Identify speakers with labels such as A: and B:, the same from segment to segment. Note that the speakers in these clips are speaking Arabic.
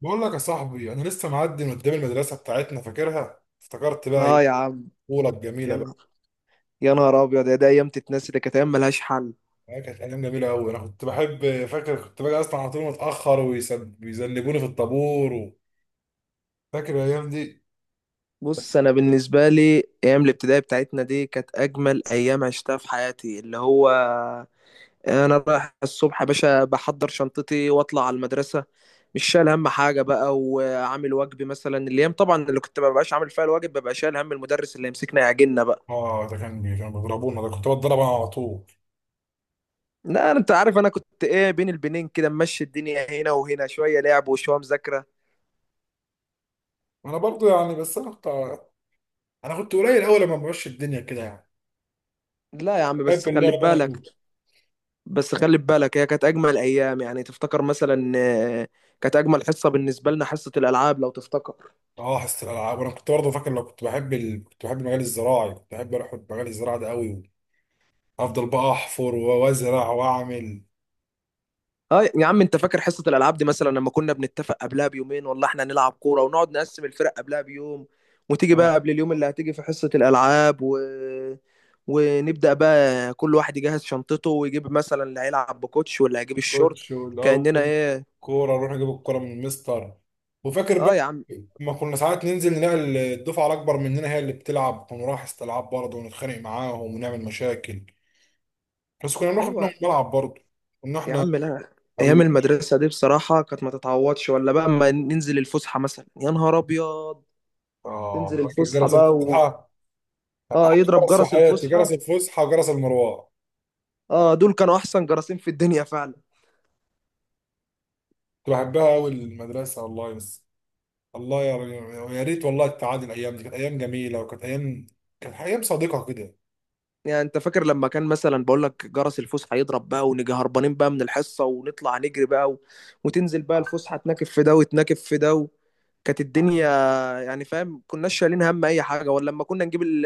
A: بقول لك يا صاحبي، انا لسه معدي من قدام المدرسه بتاعتنا فاكرها. افتكرت بقى
B: اه
A: ايه
B: يا عم.
A: الطفوله
B: يا
A: الجميله بقى.
B: نهار يا نهار ابيض، يا دي ايام تتنسي، ده كانت ايام ملهاش حل.
A: كانت ايام جميله قوي. انا كنت بحب، فاكر كنت باجي اصلا على طول متاخر ويذنبوني في الطابور و... فاكر الايام دي.
B: بص، انا بالنسبه لي ايام الابتدائي بتاعتنا دي كانت اجمل ايام عشتها في حياتي، اللي هو انا رايح الصبح يا باشا، بحضر شنطتي واطلع على المدرسه، مش شايل هم حاجه بقى، وعامل واجبي مثلا. الايام طبعا اللي كنت ما ببقاش عامل فيها الواجب ببقى شايل هم المدرس اللي يمسكنا يعجلنا بقى.
A: اه، ده كانوا بيضربونا، ده كنت بتضرب انا على طول.
B: لا، انت عارف انا كنت ايه؟ بين البنين كده ممشي الدنيا، هنا وهنا شويه لعب وشويه مذاكره.
A: انا برضو يعني بس انا كنت. انا كنت قليل قوي لما بمشي الدنيا كده يعني.
B: لا يا عم،
A: بحب
B: بس خلي
A: اللعب انا
B: بالك
A: قوي.
B: بس خلي بالك هي كانت اجمل ايام. يعني تفتكر مثلا، كانت اجمل حصه بالنسبه لنا حصه الالعاب لو تفتكر.
A: اه، حصه الالعاب، وانا كنت برضه فاكر لو كنت بحب المجال الزراعي، كنت بحب اروح المجال الزراعي ده قوي. افضل بقى احفر وازرع واعمل.
B: اه يا عم، انت فاكر حصه الالعاب دي؟ مثلا لما كنا بنتفق قبلها بيومين، والله احنا نلعب كوره ونقعد نقسم الفرق قبلها بيوم، وتيجي بقى
A: آه.
B: قبل اليوم اللي هتيجي في حصه الالعاب. ونبدا بقى كل واحد يجهز شنطته ويجيب مثلا اللي هيلعب بكوتش واللي هيجيب الشورت،
A: كوتش
B: كاننا
A: والاول
B: ايه.
A: كوره، اروح اجيب الكوره من المستر. وفاكر
B: اه
A: بقى
B: يا عم.
A: ما كنا ساعات ننزل نلاقي الدفعه الاكبر مننا هي اللي بتلعب، ونروح استلعاب برضه ونتخانق معاهم ونعمل مشاكل. بس كنا بناخد منهم
B: ايوه.
A: الملعب برضه. كنا
B: يا
A: احنا
B: عم لا، ايام
A: قويين
B: المدرسه
A: شويه.
B: دي بصراحه كانت ما تتعوضش، ولا بقى اما ننزل الفسحه مثلا، يا نهار ابيض، تنزل
A: اه، فاكر
B: الفسحه
A: جرس
B: بقى.
A: الفسحه.
B: اه
A: أحلى
B: يضرب
A: جرس في
B: جرس
A: حياتي
B: الفسحه.
A: جرس الفسحه وجرس المروه.
B: اه، دول كانوا احسن جرسين في الدنيا فعلا.
A: كنت بحبها قوي المدرسه والله، بس الله يا ريت والله تعاد الايام دي. كانت ايام جميله، وكانت ايام صادقه كده.
B: يعني انت فاكر لما كان مثلا، بقول لك جرس الفسحه يضرب بقى، ونيجي هربانين بقى من الحصه ونطلع نجري بقى، وتنزل بقى الفسحه تناكف في ده وتناكف في ده، كانت الدنيا، يعني فاهم كناش شايلين هم اي حاجه؟ ولا لما كنا نجيب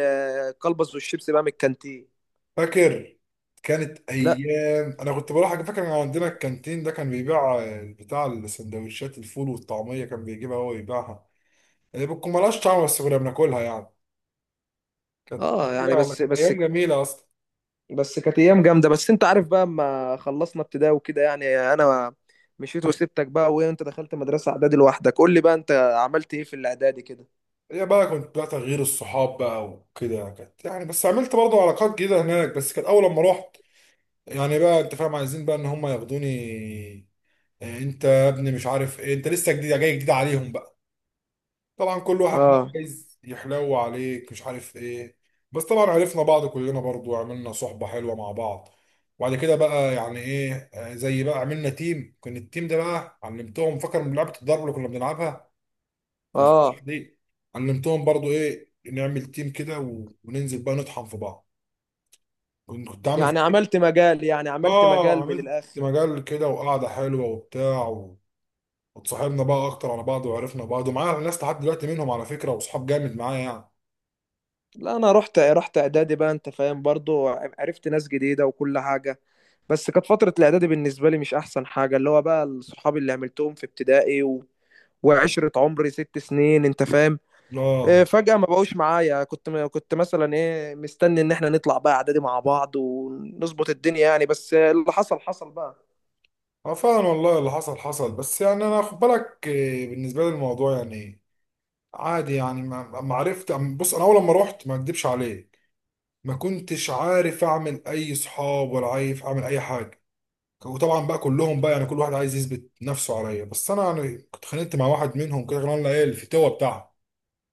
B: الكلبس والشيبس بقى من الكانتين.
A: فاكر كانت
B: لا.
A: ايام انا كنت بروح، فاكر ان عندنا الكانتين ده كان بيبيع بتاع السندوتشات، الفول والطعميه، كان بيجيبها هو ويبيعها، اللي بتكون مالهاش طعم بس كنا بناكلها يعني.
B: اه يعني بس
A: كانت
B: بس
A: ايام جميله اصلا.
B: بس كانت ايام جامده. بس انت عارف بقى، اما خلصنا ابتدائي وكده، يعني انا مشيت وسبتك بقى، وانت دخلت مدرسه اعدادي لوحدك. قول لي بقى انت عملت ايه في الاعدادي كده؟
A: هي بقى كنت بقى تغيير الصحاب بقى وكده يعني، كانت يعني، بس عملت برضو علاقات جديده هناك، بس كانت اول لما رحت يعني بقى، انت فاهم، عايزين بقى ان هم ياخدوني. انت يا ابني مش عارف ايه، انت لسه جديد، جاي جديد عليهم بقى. طبعا كل واحد بقى
B: اه
A: عايز يحلو عليك، مش عارف ايه. بس طبعا عرفنا بعض كلنا برضو، وعملنا صحبة حلوة مع بعض. وبعد كده بقى يعني ايه، زي بقى عملنا تيم. كان التيم ده بقى علمتهم، فاكر، من لعبة الضرب اللي كنا بنلعبها في الفترة
B: اه
A: دي. علمتهم برضو ايه نعمل تيم كده وننزل بقى نطحن في بعض. كنت عامل
B: يعني
A: فريق.
B: عملت
A: اه،
B: مجال من
A: عملت
B: الاخر.
A: مجال كده وقعدة حلوة وبتاع و... واتصاحبنا بقى اكتر على بعض، وعرفنا بعض ومعايا ناس لحد دلوقتي منهم على فكرة، واصحاب جامد معايا يعني.
B: لا انا رحت اعدادي بقى، انت فاهم برضو، عرفت ناس جديده وكل حاجه. بس كانت فتره الاعدادي بالنسبه لي مش احسن حاجه، اللي هو بقى الصحاب اللي عملتهم في ابتدائي، وعشره عمري ست سنين، انت فاهم،
A: اه.
B: فجأة ما بقوش معايا. كنت مثلا ايه مستني ان احنا نطلع بقى اعدادي مع بعض ونظبط الدنيا، يعني بس اللي حصل حصل بقى.
A: اه فعلا والله، اللي حصل حصل، بس يعني انا خد بالك، بالنسبه لي الموضوع يعني عادي يعني. ما عرفت بص، انا اول لما رحت، ما اكدبش عليك، ما كنتش عارف اعمل اي صحاب، ولا عارف اعمل اي حاجه. وطبعا بقى كلهم بقى يعني، كل واحد عايز يثبت نفسه عليا، بس انا يعني كنت خانقت مع واحد منهم كده، كان لنا ايه الفتوه بتاعها.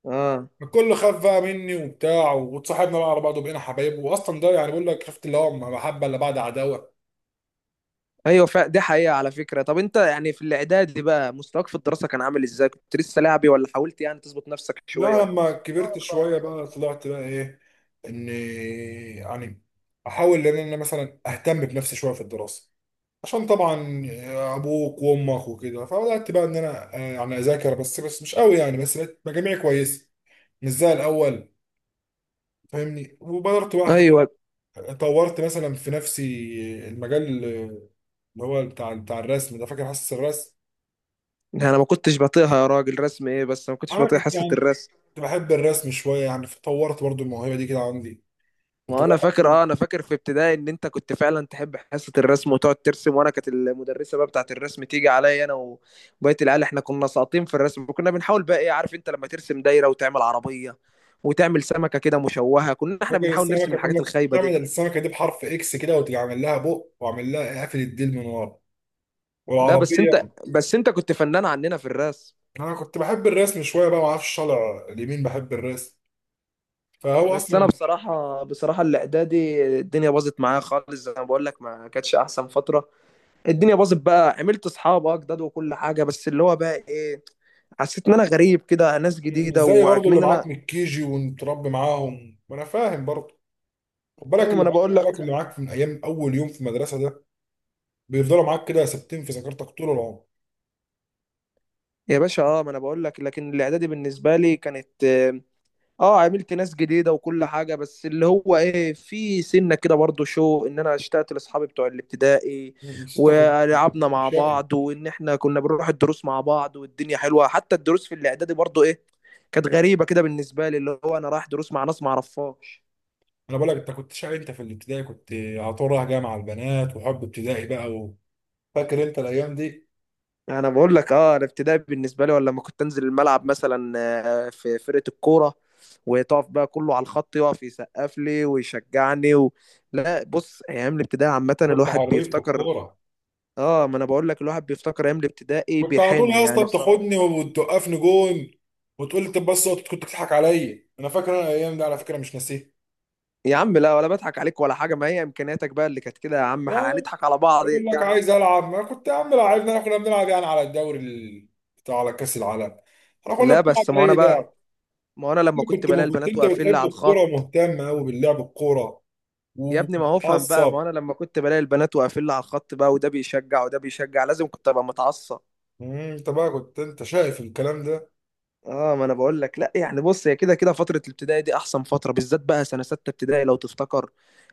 B: اه.
A: الكل خاف بقى مني وبتاع، واتصاحبنا بقى على بعض وبقينا حبايب، واصلا ده يعني بقول لك، شفت اللي هو محبه الا بعد عداوه.
B: ايوه، دي حقيقة على فكرة. طب انت يعني في الاعدادي بقى مستواك في الدراسة كان عامل ازاي؟ كنت لسه لاعبي، ولا حاولت يعني تظبط نفسك شوية
A: لا
B: وكده؟
A: لما كبرت شوية بقى طلعت بقى ايه، اني يعني احاول ان انا مثلا اهتم بنفسي شوية في الدراسة، عشان طبعا ابوك وامك وكده. فبدأت بقى ان انا، يعني اذاكر، بس مش قوي يعني، بس بقت مجاميعي كويسة، مش زي الاول، فاهمني. وبدرت بقى
B: ايوه.
A: طورت مثلا في نفسي المجال اللي هو بتاع الرسم ده، فاكر، حاسس الرسم.
B: انا ما كنتش بطيئها يا راجل، رسم ايه؟ بس ما كنتش
A: انا
B: بطيء
A: كنت
B: حصة
A: يعني
B: الرسم.
A: كنت بحب الرسم شوية يعني، فطورت برضو الموهبة دي كده عندي. انت
B: ما انا
A: بقى
B: فاكر، اه انا فاكر في ابتدائي ان انت كنت فعلا تحب حصه الرسم وتقعد ترسم، وانا كانت المدرسه بقى بتاعه الرسم تيجي عليا انا وبقيه العيال، احنا كنا ساقطين في الرسم، وكنا بنحاول بقى ايه، عارف انت لما ترسم دايره وتعمل عربيه وتعمل سمكه كده مشوهه، كنا احنا
A: فاكر
B: بنحاول نرسم
A: السمكه؟
B: الحاجات
A: كنا
B: الخايبه
A: بنعمل
B: دي.
A: السمكه دي بحرف اكس كده، وتعمل لها بق، واعمل لها قافل الديل من ورا،
B: لا بس
A: والعربيه.
B: انت، بس انت كنت فنان عننا في الرسم.
A: انا كنت بحب الرسم شويه بقى، ما اعرفش، طالع اليمين بحب الرسم. فهو
B: بس انا
A: اصلا
B: بصراحه، بصراحه الاعدادي الدنيا باظت معايا خالص، زي ما بقول لك ما كانتش احسن فتره. الدنيا باظت بقى، عملت اصحاب اه جداد وكل حاجه، بس اللي هو بقى ايه، حسيت ان انا غريب كده، ناس جديده
A: ازاي برضو اللي
B: وكمان انا.
A: معاك من الكيجي ومتربي معاهم، وانا فاهم برضو. خد بالك،
B: ايوه ما
A: اللي
B: انا
A: معاك
B: بقول لك.
A: صحابك اللي معاك من ايام اول يوم في المدرسه ده، بيفضلوا معاك كده ثابتين في ذاكرتك طول العمر.
B: يا باشا اه، ما انا بقول لك لكن الاعدادي بالنسبه لي كانت اه، عملت ناس جديده وكل حاجه، بس اللي هو ايه، في سنه كده برضو شو، ان انا اشتقت لاصحابي بتوع الابتدائي
A: بس انت كنت انت
B: ولعبنا
A: كنت
B: مع
A: شقي.
B: بعض، وان احنا كنا بنروح الدروس مع بعض، والدنيا حلوه. حتى الدروس في الاعدادي برضو ايه، كانت غريبه كده بالنسبه لي، اللي هو انا رايح دروس مع ناس ما اعرفهاش.
A: انا بقول لك انت كنت شقي. انت في الابتدائي كنت على طول رايح جامعه البنات، وحب ابتدائي بقى و... فاكر انت الايام دي؟
B: انا بقول لك اه، الابتدائي بالنسبه لي، ولا لما كنت انزل الملعب مثلا، في فرقه الكوره، وتقف بقى كله على الخط، يقف يسقف لي ويشجعني. لا بص، ايام الابتدائي عامه
A: كنت
B: الواحد
A: حريف في
B: بيفتكر.
A: الكورة.
B: اه ما انا بقول لك، الواحد بيفتكر ايام الابتدائي
A: كنت على طول
B: بيحن
A: يا اسطى
B: يعني بصراحه.
A: بتاخدني وتوقفني جون، وتقول لي طب بس أقعد. كنت بتضحك عليا، انا فاكر انا الايام دي على فكرة، مش ناسيها
B: يا عم لا، ولا بضحك عليك ولا حاجه، ما هي امكانياتك بقى اللي كانت كده يا عم،
A: يعني.
B: هنضحك على بعض.
A: يقول لك
B: يعني
A: عايز العب. ما كنت يا عم، لعبنا، احنا كنا بنلعب يعني على الدوري بتاع على كأس العالم. احنا كنا
B: لا
A: بنلعب
B: بس
A: اي لعب.
B: ما انا لما
A: كنت
B: كنت بلاقي
A: كنت
B: البنات
A: انت
B: واقفين لي
A: بتحب
B: على
A: الكورة،
B: الخط.
A: ومهتم قوي باللعب الكورة
B: يا ابني ما هو افهم بقى،
A: وبتتعصب.
B: ما هو انا لما كنت بلاقي البنات واقفين لي على الخط بقى، وده بيشجع وده بيشجع، لازم كنت ابقى متعصب.
A: انت بقى كنت انت شايف الكلام ده.
B: اه ما انا بقول لك. لا يعني بص، هي كده كده فتره الابتدائي دي احسن فتره، بالذات بقى سنه سته ابتدائي لو تفتكر،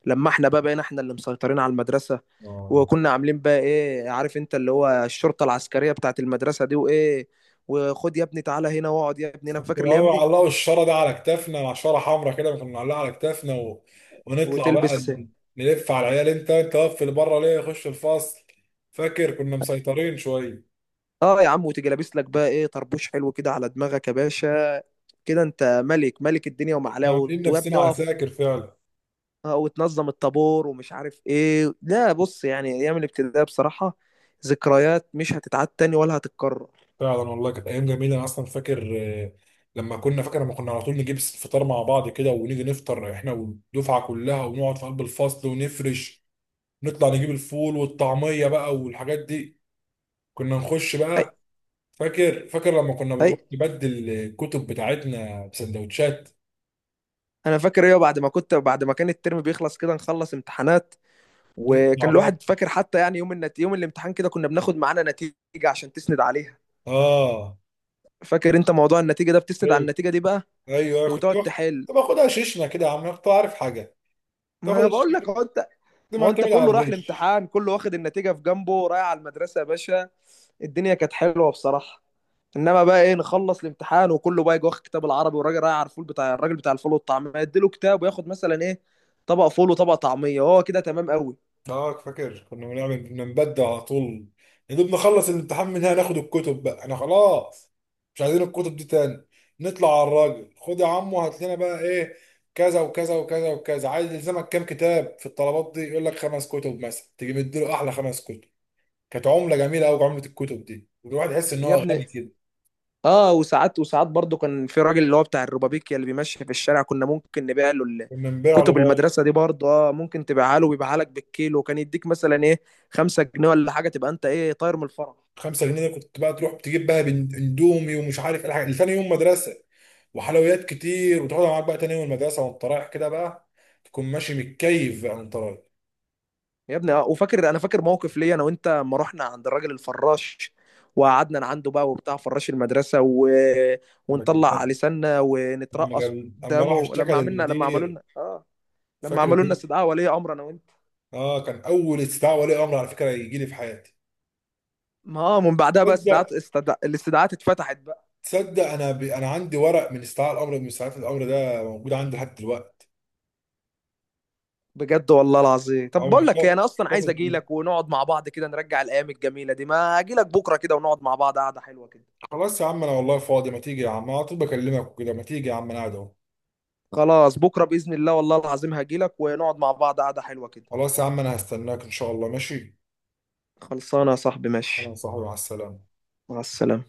B: لما احنا بقى بقينا احنا اللي مسيطرين على المدرسه،
A: آه.
B: وكنا عاملين بقى ايه عارف انت، اللي هو الشرطه العسكريه بتاعت المدرسه دي وايه، وخد يا ابني تعالى هنا واقعد يا ابني، انا
A: كنت
B: فاكر الايام
A: بقى
B: دي.
A: علقوا الشارة ده على كتافنا، مع شارة حمراء كده كنا بنعلقها على كتافنا و... ونطلع بقى
B: وتلبس.
A: نلف على العيال، انت واقف اللي بره ليه، خش الفصل. فاكر كنا مسيطرين شوية.
B: اه يا عم، وتيجي لابس لك بقى ايه طربوش حلو كده على دماغك يا باشا، كده انت ملك، ملك الدنيا
A: كنا
B: ومعلاه
A: عاملين
B: وتواب
A: نفسنا
B: نقف.
A: عساكر فعلا.
B: وتنظم الطابور ومش عارف ايه. لا بص، يعني ايام الابتدائي بصراحة، ذكريات مش هتتعاد تاني ولا هتتكرر.
A: فعلا والله كانت أيام جميلة. أنا أصلا فاكر، لما كنا على طول نجيب الفطار مع بعض كده، ونيجي نفطر احنا والدفعة كلها، ونقعد في قلب الفصل ونفرش. نطلع نجيب الفول والطعمية بقى والحاجات دي، كنا نخش
B: هي
A: بقى. فاكر لما كنا
B: هي
A: بنروح نبدل الكتب بتاعتنا بسندوتشات.
B: انا فاكر ايه، بعد ما كان الترم بيخلص كده نخلص امتحانات،
A: نطلع
B: وكان
A: بقى.
B: الواحد فاكر حتى، يعني يوم يوم الامتحان كده كنا بناخد معانا نتيجة عشان تسند عليها.
A: اه.
B: فاكر انت موضوع النتيجة ده؟ بتسند على
A: ايوه،
B: النتيجة دي بقى
A: ايوه كنت
B: وتقعد
A: باخد.
B: تحل.
A: كنت باخدها شيشنا كده يا عم، كنت عارف حاجه. كنت
B: ما انا
A: باخدها
B: بقول
A: شيشنا
B: لك
A: كده،
B: اهو.
A: كنت
B: ما هو انت
A: معتمد على
B: كله راح
A: الغش.
B: الامتحان كله واخد النتيجه في جنبه رايح على المدرسه يا باشا، الدنيا كانت حلوه بصراحه. انما بقى ايه، نخلص الامتحان وكله بقى يجي واخد كتاب العربي، والراجل رايح على الفول، بتاع الراجل بتاع الفول والطعميه يديله كتاب وياخد مثلا ايه، طبق فول وطبق طعميه، هو كده تمام قوي.
A: اه، فاكر كنا كنا نبدل على طول. يا دوب نخلص الامتحان من هنا، ناخد الكتب بقى انا خلاص، مش عايزين الكتب دي تاني. نطلع على الراجل، خد يا عم وهات لنا بقى ايه كذا وكذا وكذا وكذا. عايز يلزمك كام كتاب في الطلبات دي؟ يقول لك خمس كتب مثلا، تيجي مديله احلى خمس كتب. كانت عمله جميله قوي عمله الكتب دي، والواحد يحس ان هو
B: يا ابني
A: غني كده.
B: اه، وساعات وساعات برضو كان في راجل اللي هو بتاع الروبابيكيا اللي بيمشي في الشارع، كنا ممكن نبيع له
A: كنا نبيع له
B: كتب
A: بقى
B: المدرسه دي برضو، اه ممكن تبيعها له ويبيعها لك بالكيلو، وكان يديك مثلا ايه، خمسة جنيه ولا حاجه، تبقى انت ايه طاير من الفرح.
A: 5 جنيه. ده كنت بقى تروح تجيب بقى اندومي ومش عارف ايه، الحاجات لتاني يوم مدرسه، وحلويات كتير، وتاخدها معاك بقى تاني يوم المدرسه، وانت رايح كده بقى تكون ماشي متكيف بقى وانت رايح.
B: يا ابني اه، وفاكر، انا فاكر موقف ليا انا وانت لما رحنا عند الراجل الفراش، وقعدنا عنده بقى وبتاع فراش المدرسه،
A: لما
B: ونطلع
A: جبنا-
B: لساننا
A: لما
B: ونترقص
A: جاب، اما راح
B: قدامه،
A: اشتكى
B: لما عملنا
A: للمدير.
B: لما
A: فاكر
B: عملوا لنا
A: دي؟
B: استدعاء ولي امر انا وانت.
A: اه، كان اول استدعاء ولي امر على فكره يجي لي في حياتي.
B: ما من بعدها بقى
A: تصدق
B: استدعاءات الاستدعاءات اتفتحت بقى.
A: تصدق انا عندي ورق من استدعاء الامر ده موجود عندي لحد دلوقتي.
B: بجد والله العظيم؟ طب
A: او
B: بقول لك ايه،
A: محتفظ
B: انا اصلا عايز
A: محتفظ
B: اجي لك ونقعد مع بعض كده، نرجع الايام الجميله دي. ما اجي لك بكره كده ونقعد مع بعض قعده حلوه كده.
A: خلاص. يا عم انا والله فاضي، ما تيجي يا عم، انا على طول بكلمك وكده. ما تيجي يا عم انا قاعد اهو.
B: خلاص بكره باذن الله، والله العظيم هجي لك ونقعد مع بعض قعده حلوه كده.
A: خلاص يا عم، انا هستناك ان شاء الله، ماشي.
B: خلصانه يا صاحبي،
A: انا
B: ماشي.
A: صاحبي، مع السلامه.
B: مع السلامة.